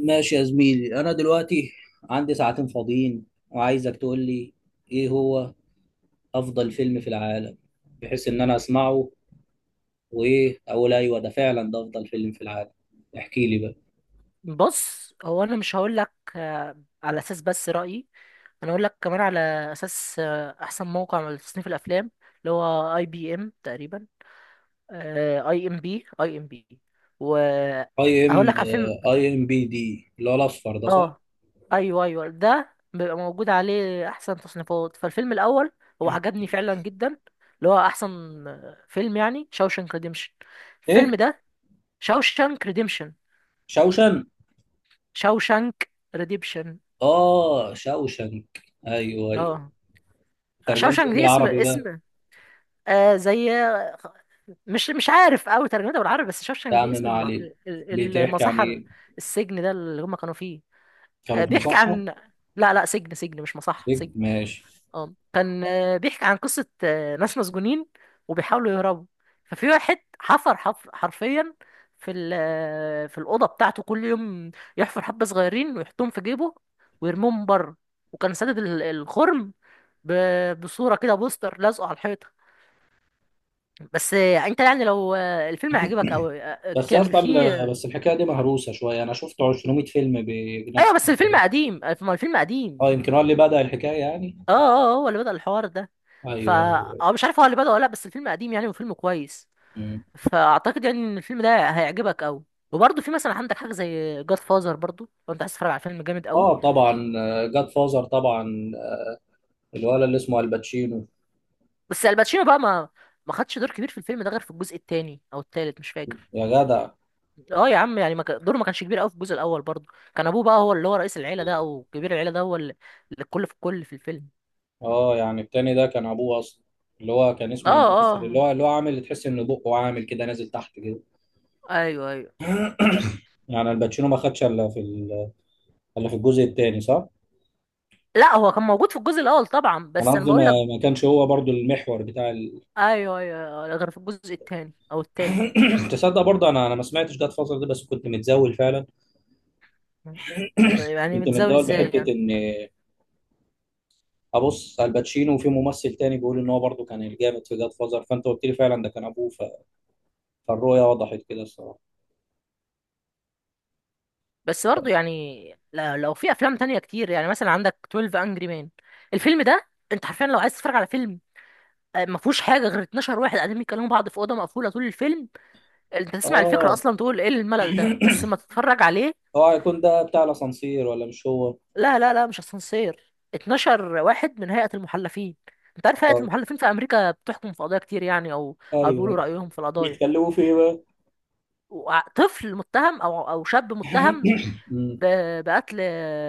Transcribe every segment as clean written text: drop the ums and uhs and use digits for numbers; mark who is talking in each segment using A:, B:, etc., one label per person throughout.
A: ماشي يا زميلي، انا دلوقتي عندي ساعتين فاضيين وعايزك تقول لي ايه هو افضل فيلم في العالم، بحيث ان انا اسمعه وايه اقول: ايوه ده فعلا ده افضل فيلم في العالم. احكي لي بقى.
B: بص، هو انا مش هقول لك على اساس بس رايي. انا هقول لك كمان على اساس احسن موقع لتصنيف الافلام، اللي هو اي بي ام تقريبا، اي ام بي،
A: اي ام
B: وهقول لك على الفيلم.
A: اي ام بي دي اللي هو الاصفر ده، صح؟
B: اه، ايوه ايوه، ده بيبقى موجود عليه احسن تصنيفات. فالفيلم الاول هو عجبني فعلا جدا، اللي هو احسن فيلم، يعني شاوشانك ريديمشن. الفيلم
A: ايه؟
B: ده شاوشانك ريديمشن.
A: شوشن.
B: شاوشانك ريديمشن.
A: اه، شوشنك. ايوه، ايوه.
B: اه،
A: ترجمت ايه
B: شوشانك دي اسم
A: بالعربي بقى؟
B: زي، مش عارف قوي ترجمتها بالعربي، بس
A: يا
B: شوشانك
A: عم
B: دي اسم
A: ما عليك،
B: ال-
A: بتحكي عن
B: المصحة،
A: ايه؟
B: السجن ده اللي هم كانوا فيه.
A: كانوا
B: آه
A: في
B: بيحكي
A: مصحة؟
B: عن لا لا، سجن سجن، مش مصحة،
A: سجن؟
B: سجن.
A: ماشي.
B: اه، كان بيحكي عن قصة ناس مسجونين، وبيحاولوا يهربوا. ففي واحد حفر حرفيا في ال... آه، في الأوضة بتاعته كل يوم يحفر حبة صغيرين، ويحطهم في جيبه، ويرميهم بره. وكان سادد الخرم ب... بصورة كده، بوستر لازقه على الحيطة. بس انت يعني لو الفيلم عجبك او
A: بس يا
B: كان
A: اسطى،
B: فيه.
A: بس الحكايه دي مهروسه شويه، انا شفت 200 فيلم
B: ايوه،
A: بنفس
B: بس الفيلم
A: الطريقه.
B: قديم، ما الفيلم قديم.
A: اه، يمكن هو اللي بدا الحكايه يعني.
B: اه اه، هو اللي بدأ الحوار ده. فا
A: ايوه.
B: اه، مش عارف هو اللي بدأ ولا لا، بس الفيلم قديم يعني، وفيلم كويس.
A: مم.
B: فاعتقد يعني ان الفيلم ده هيعجبك قوي، وبرضه في مثلا عندك حاجه زي جاد فازر، برضه لو انت عايز تتفرج على فيلم جامد قوي.
A: اه طبعا. جاد فازر طبعا، الولد اللي اسمه الباتشينو.
B: بس الباتشينو بقى ما خدش دور كبير في الفيلم ده، غير في الجزء الثاني او الثالث، مش فاكر.
A: يا جدع.
B: اه يا عم، يعني ما كان- دوره ما كانش كبير قوي في الجزء الاول برضه. كان ابوه بقى هو اللي هو رئيس العيله ده، او كبير العيله ده، هو اللي الكل في الكل في الفيلم.
A: اه يعني التاني ده كان ابوه اصلا، اللي هو كان
B: اه
A: اسمه الممثل، اللي
B: اه،
A: هو اللي هو عامل تحس ان بقه عامل كده نازل تحت كده.
B: ايوه ايوه.
A: يعني الباتشينو ما خدش الا في الجزء التاني، صح؟
B: لا، هو كان موجود في الجزء الاول طبعا،
A: انا
B: بس انا
A: قصدي ما
B: بقول لك،
A: ما كانش هو برضو المحور بتاع.
B: ايوه ايوه، غير في الجزء الثاني او الثالث.
A: تصدق برضه انا ما سمعتش جاد فازر ده، بس كنت متزاول فعلا
B: يعني
A: كنت
B: متزاول
A: متداول
B: ازاي
A: بحته
B: يعني؟
A: ان ابص على الباتشينو، وفي ممثل تاني بيقول ان هو برضه كان الجامد في جاد فازر، فانت قلت لي فعلا ده كان ابوه فالرؤيه وضحت كده الصراحه.
B: بس برضه يعني، لو في افلام تانية كتير يعني، مثلا عندك 12 انجري مان، الفيلم ده انت حرفيا لو عايز تتفرج على فيلم ما فيهوش حاجه غير 12 واحد قاعدين بيكلموا بعض في اوضه مقفوله طول الفيلم. انت تسمع الفكره
A: اه.
B: اصلا تقول ايه الملل ده، بس ما تتفرج عليه.
A: هو هيكون ده بتاع الاسانسير، ولا مش هو؟
B: لا لا لا، مش اسانسير. 12 واحد من هيئة المحلفين. انت عارف هيئة
A: آه.
B: المحلفين في امريكا بتحكم في قضايا كتير يعني، او بيقولوا
A: ايوه.
B: رأيهم في القضايا.
A: بيتكلموا في ايه بقى؟
B: طفل متهم، او شاب متهم
A: مم.
B: ب- بقتل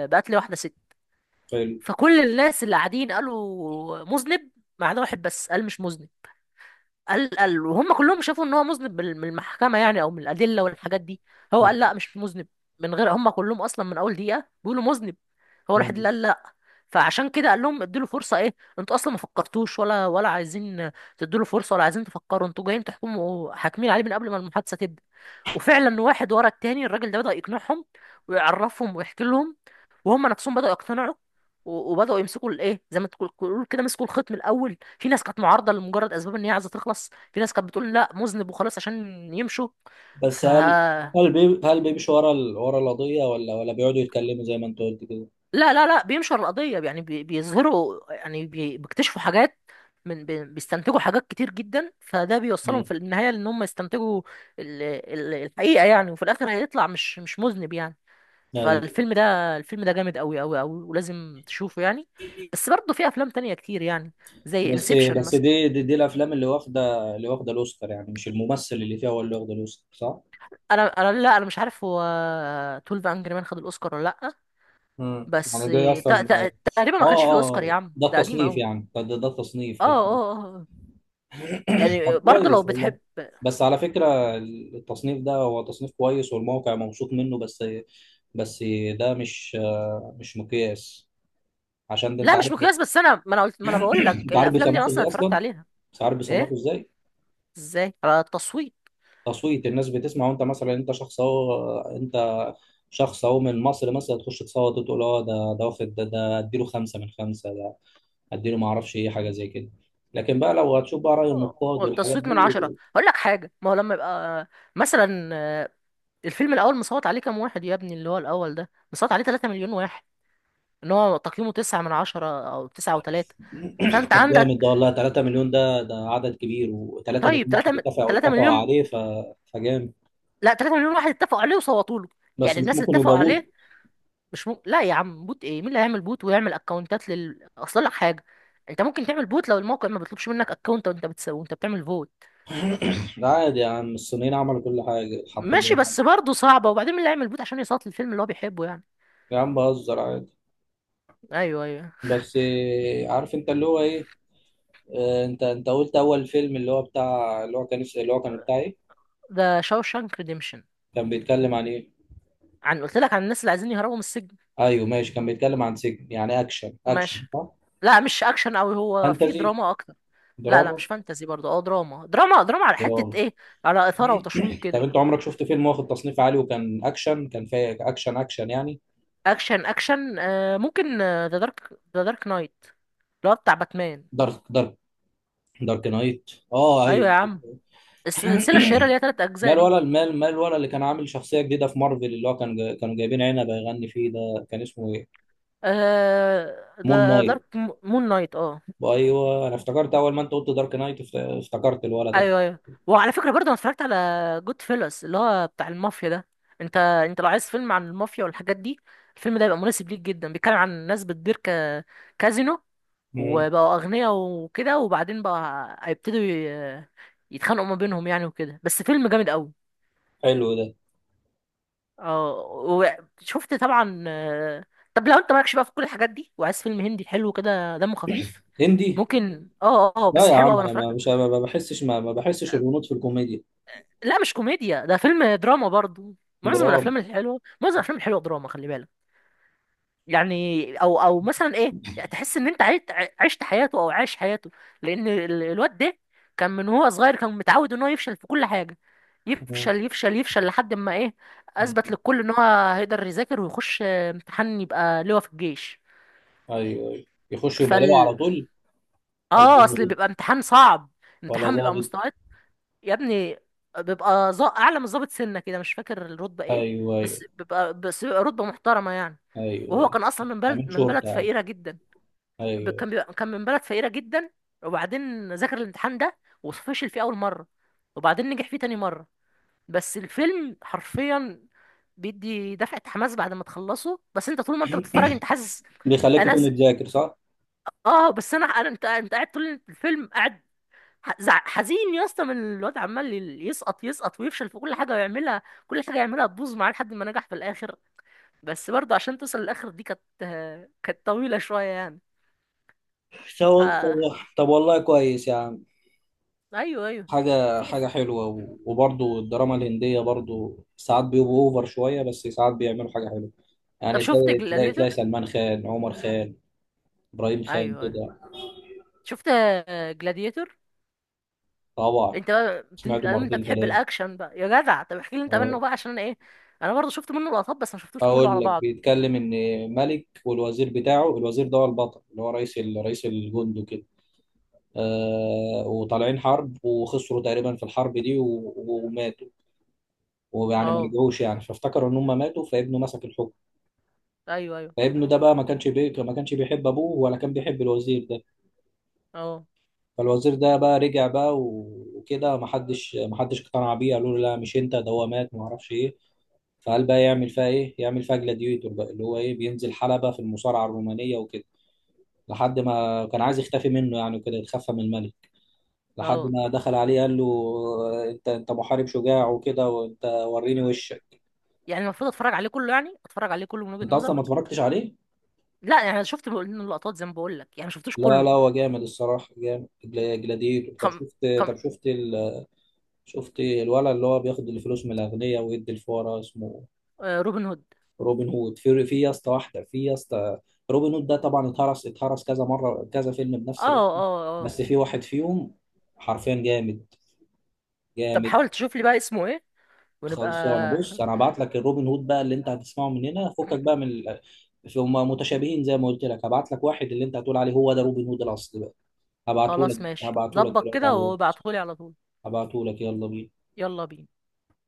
B: بقتل واحدة ست.
A: حلو.
B: فكل الناس اللي قاعدين قالوا مذنب، ما عدا واحد بس قال مش مذنب. قال وهم كلهم شافوا ان هو مذنب من المحكمة يعني، او من الأدلة والحاجات دي. هو قال لا،
A: مم.
B: مش مذنب. من غير هم كلهم اصلا من اول دقيقة بيقولوا مذنب، هو الوحيد
A: مم.
B: اللي قال لا. فعشان كده قال لهم ادوا له فرصه. ايه، انتوا اصلا ما فكرتوش، ولا عايزين تدوا له فرصه، ولا عايزين تفكروا؟ انتوا جايين تحكموا، حاكمين عليه من قبل ما المحادثه تبدا. وفعلا واحد ورا التاني، الراجل ده بدا يقنعهم ويعرفهم ويحكي لهم، وهم نفسهم بداوا يقتنعوا. وبداوا يمسكوا الايه، زي ما تقول كده، مسكوا الخيط من الاول. في ناس كانت معارضه لمجرد اسباب ان هي عايزه تخلص، في ناس كانت بتقول لا مذنب وخلاص عشان يمشوا.
A: بس هل هل بيمشي ورا ورا القضيه، ولا بيقعدوا يتكلموا زي ما انت قلت كده؟
B: لا لا لا، بينشر القضية يعني، بيظهروا يعني، بيكتشفوا حاجات، من بيستنتجوا حاجات كتير جدا. فده بيوصلهم
A: مم.
B: في النهاية لأن هم يستنتجوا الحقيقة يعني، وفي الآخر هيطلع مش مذنب يعني.
A: ايوه.
B: فالفيلم ده الفيلم ده جامد أوي أوي أوي، ولازم تشوفه يعني. بس برضه في أفلام تانية كتير يعني، زي
A: بس
B: انسبشن
A: بس
B: مثلا.
A: دي الافلام اللي واخده الاوسكار يعني، مش الممثل اللي فيها هو اللي واخده الاوسكار، صح؟
B: أنا، لا، أنا مش عارف هو 12 أنجري مان خد الأوسكار ولا لأ.
A: مم.
B: بس
A: يعني ده اصلا
B: تقريبا ما كانش فيه أوسكار يا عم،
A: ده
B: ده قديم
A: التصنيف
B: أوي.
A: يعني، ده التصنيف
B: اه
A: بتاع.
B: اه اه
A: طب
B: يعني برضه لو
A: كويس والله.
B: بتحب.
A: بس على فكره، التصنيف ده هو تصنيف كويس والموقع مبسوط منه بس. بس ده مش مقياس، عشان ده انت
B: لا مش
A: عارف.
B: مقياس، بس انا، ما انا قلت، ما انا بقول لك
A: انت عارف
B: الافلام دي انا
A: بيصنفوا
B: اصلا
A: ازاي
B: اتفرجت
A: اصلا؟
B: عليها.
A: انت عارف بيصنفوا
B: ايه،
A: ازاي؟
B: ازاي؟ على التصويت.
A: تصويت الناس بتسمع. وانت مثلا انت شخص اهو من مصر، مثلا تخش تصوت وتقول: اه ده واخد، ده اديله خمسه من خمسه، اديله ما اعرفش ايه، حاجه زي كده. لكن بقى لو هتشوف بقى راي النقاد والحاجات
B: التصويت من
A: دي.
B: 10. هقول لك حاجة، ما هو لما يبقى مثلا الفيلم الأول مصوت عليه كام واحد يا ابني، اللي هو الأول ده مصوت عليه 3 مليون واحد، إن هو تقييمه 9 من 10، أو 9 و3، فأنت
A: طب جامد ده
B: عندك.
A: والله. 3 مليون، ده عدد كبير، و3
B: طيب
A: مليون واحد
B: 3،
A: اتفقوا
B: 3
A: اتفقوا
B: مليون؟
A: عليه. فجامد.
B: لا، 3 مليون واحد اتفقوا عليه وصوتوا له،
A: بس
B: يعني
A: مش
B: الناس اللي
A: ممكن
B: اتفقوا
A: يبقى بوت؟
B: عليه. مش م... لا يا عم، بوت ايه؟ مين اللي هيعمل بوت ويعمل اكونتات اصل لك حاجه. انت ممكن تعمل بوت لو الموقع ما بيطلبش منك اكونت، وانت بتسوي وانت بتعمل فوت.
A: ده عادي يا عم، الصينيين عملوا كل حاجه، حط.
B: ماشي، بس برضه صعبه. وبعدين مين اللي هيعمل بوت عشان يصوت للفيلم اللي هو بيحبه يعني؟
A: يا عم بهزر عادي.
B: ايوه ايوه،
A: بس إيه، عارف انت اللي هو ايه. انت قلت اول فيلم اللي هو بتاع اللي هو كان بتاع ايه؟
B: ده شاوشانك ريديمشن.
A: كان بيتكلم عن ايه؟
B: عن، قلت لك، عن الناس اللي عايزين يهربوا من السجن.
A: ايوه ماشي، كان بيتكلم عن سجن. يعني اكشن اكشن،
B: ماشي.
A: صح؟
B: لا مش اكشن قوي، هو في
A: فانتزي؟
B: دراما اكتر. لا لا،
A: دراما.
B: مش فانتزي برضه. اه، دراما دراما دراما. على حته
A: دراما.
B: ايه؟ على اثاره وتشويق
A: طب
B: كده.
A: انت عمرك شفت فيلم واخد تصنيف عالي وكان اكشن، كان فيه اكشن اكشن يعني؟
B: اكشن اكشن. ممكن ذا دارك نايت، اللي هو بتاع باتمان.
A: دارك دارك دارك نايت. اه،
B: ايوه
A: ايوه.
B: يا عم، السلسلة الشهيرة اللي هي تلات أجزاء
A: مال
B: دي.
A: ولا المال، مال ولا اللي كان عامل شخصيه جديده في مارفل، اللي هو كانوا جايبين عنب يغني فيه، ده كان اسمه ايه؟
B: آه
A: مون
B: ذا
A: نايت.
B: دارك مون نايت. اه،
A: ايوه انا افتكرت اول ما انت قلت دارك نايت افتكرت الولد ده.
B: أيوه أيوه. وعلى فكرة، برضه أنا اتفرجت على جود فيلس، اللي هو بتاع المافيا ده. أنت لو عايز فيلم عن المافيا والحاجات دي، الفيلم ده يبقى مناسب ليك جدا. بيتكلم عن ناس بتدير كازينو،
A: مم.
B: وبقوا أغنياء وكده، وبعدين بقى هيبتدوا يتخانقوا ما بينهم يعني وكده. بس فيلم جامد أوي.
A: حلو ده.
B: اه، وشفت طبعا. طب لو انت مالكش بقى في كل الحاجات دي، وعايز فيلم هندي حلو كده دمه خفيف،
A: هندي؟
B: ممكن. اه اه،
A: لا
B: بس
A: يا
B: حلو قوي،
A: عم،
B: انا
A: انا ما
B: اتفرجت.
A: مش ما ما بحسش ما, ما بحسش الهنود في الكوميديا.
B: لا مش كوميديا، ده فيلم دراما برضو.
A: درام
B: معظم الافلام الحلوه دراما، خلي بالك. يعني، او مثلا ايه، يعني تحس ان انت عشت حياته او عايش حياته. لان الواد ده كان من هو صغير كان متعود ان هو يفشل في كل حاجه.
A: مم.
B: يفشل يفشل يفشل لحد ما ايه؟ اثبت
A: مم.
B: للكل ان هو هيقدر يذاكر ويخش امتحان، يبقى لواء في الجيش.
A: ايوه، ايوه. يخش يبقى لواء على
B: فال
A: طول؟ ولا
B: اه، اصل بيبقى
A: ظابط؟
B: امتحان صعب.
A: ولا
B: امتحان بيبقى مستوى
A: ظابط؟
B: يا ابني، بيبقى اعلى من ظابط سنه كده، مش فاكر الرتبه ايه.
A: ايوه ايوه
B: بس بيبقى رتبه محترمه يعني. وهو
A: ايوه.
B: كان اصلا من بلد
A: عامل
B: من بلد
A: شرطه.
B: فقيره جدا.
A: ايوه.
B: كان من بلد فقيره جدا، وبعدين ذاكر الامتحان ده، وفشل فيه اول مره، وبعدين نجح فيه تاني مره. بس الفيلم حرفيا بيدي دفعه حماس بعد ما تخلصه، بس انت طول ما انت بتتفرج انت حاسس.
A: بيخليك
B: انا ز...
A: تقوم تذاكر، صح؟
B: اه، بس انا انا انت قاعد طول الفيلم قاعد، حزين يا اسطى من الواد، عمال يسقط يسقط ويفشل في كل حاجه يعملها، كل حاجه يعملها تبوظ معاه لحد ما نجح في الاخر. بس برضه عشان توصل للاخر دي، كانت كانت طويله شويه يعني. ف
A: طب والله كويس يا عم.
B: ايوه ايوه.
A: حاجه
B: في في-
A: حاجه حلوه، و- وبرضو الدراما الهنديه برضو ساعات بيبقوا اوفر شويه، بس ساعات بيعملوا حاجه حلوه.
B: طب
A: يعني
B: شفت
A: تلاقي
B: جلاديتور؟
A: سلمان خان، عمر خان، ابراهيم خان
B: ايوه ايوه،
A: كده.
B: شفت جلاديتور.
A: طبعا.
B: انت بقى انت
A: سمعته
B: انت
A: مرتين
B: بتحب
A: ثلاثه.
B: الاكشن بقى يا جدع، طب احكي لي انت منه بقى عشان انا ايه. انا برضه شفت منه لقطات، بس ما شفتوش كله
A: اقول
B: على
A: لك،
B: بعض.
A: بيتكلم ان ملك والوزير بتاعه، الوزير ده هو البطل، اللي هو رئيس الجند وكده. وطالعين حرب وخسروا تقريبا في الحرب دي و- وماتوا، ويعني ما
B: اه
A: رجعوش يعني، فافتكروا ان هم ماتوا، فابنه مسك الحكم.
B: ايوه ايوه
A: فابنه ده بقى ما كانش بيحب ابوه، ولا كان بيحب الوزير ده.
B: اه
A: فالوزير ده بقى رجع بقى، و- وكده ما حدش اقتنع بيه، قالوا له: لا مش انت، ده هو مات، ما اعرفش ايه. فقال بقى يعمل فيها ايه؟ يعمل فيها جلاديتور بقى، اللي هو ايه، بينزل حلبة في المصارعة الرومانية وكده، لحد ما كان عايز يختفي منه يعني، وكده يتخفى من الملك. لحد
B: اه.
A: ما دخل عليه قال له: انت محارب شجاع وكده، وانت وريني وشك.
B: يعني المفروض اتفرج عليه كله يعني، اتفرج عليه كله من
A: انت
B: وجهة
A: اصلا
B: نظرك؟
A: ما اتفرجتش عليه؟
B: لا يعني، انا شفت منه لقطات زي ما بقول لك يعني، ما شفتوش
A: لا
B: كله.
A: لا، هو جامد الصراحه جامد. جلاديتور.
B: خم خم
A: شفت الولد اللي هو بياخد الفلوس من الاغنياء ويدي الفقراء، اسمه؟
B: آه روبن هود.
A: روبن هود. في يا اسطى، واحده، في يا اسطى. روبن هود ده طبعا اتهرس كذا مره، كذا فيلم
B: اه
A: بنفس الاسم.
B: اه اه،
A: بس في واحد فيهم حرفيا جامد،
B: طب
A: جامد.
B: حاول تشوف لي بقى اسمه ايه، ونبقى
A: خلصانه. بص انا هبعت لك الروبن هود بقى اللي انت هتسمعه، من هنا فكك بقى من ال... هم متشابهين زي ما قلت لك، هبعت لك واحد اللي انت هتقول عليه هو ده روبن هود الاصلي بقى. هبعته لك.
B: خلاص ماشي،
A: هبعته لك
B: ظبط
A: دلوقتي
B: كده
A: على الواتس.
B: وابعتهولي على طول.
A: هبعته لك. يلا بينا.
B: يلا بينا.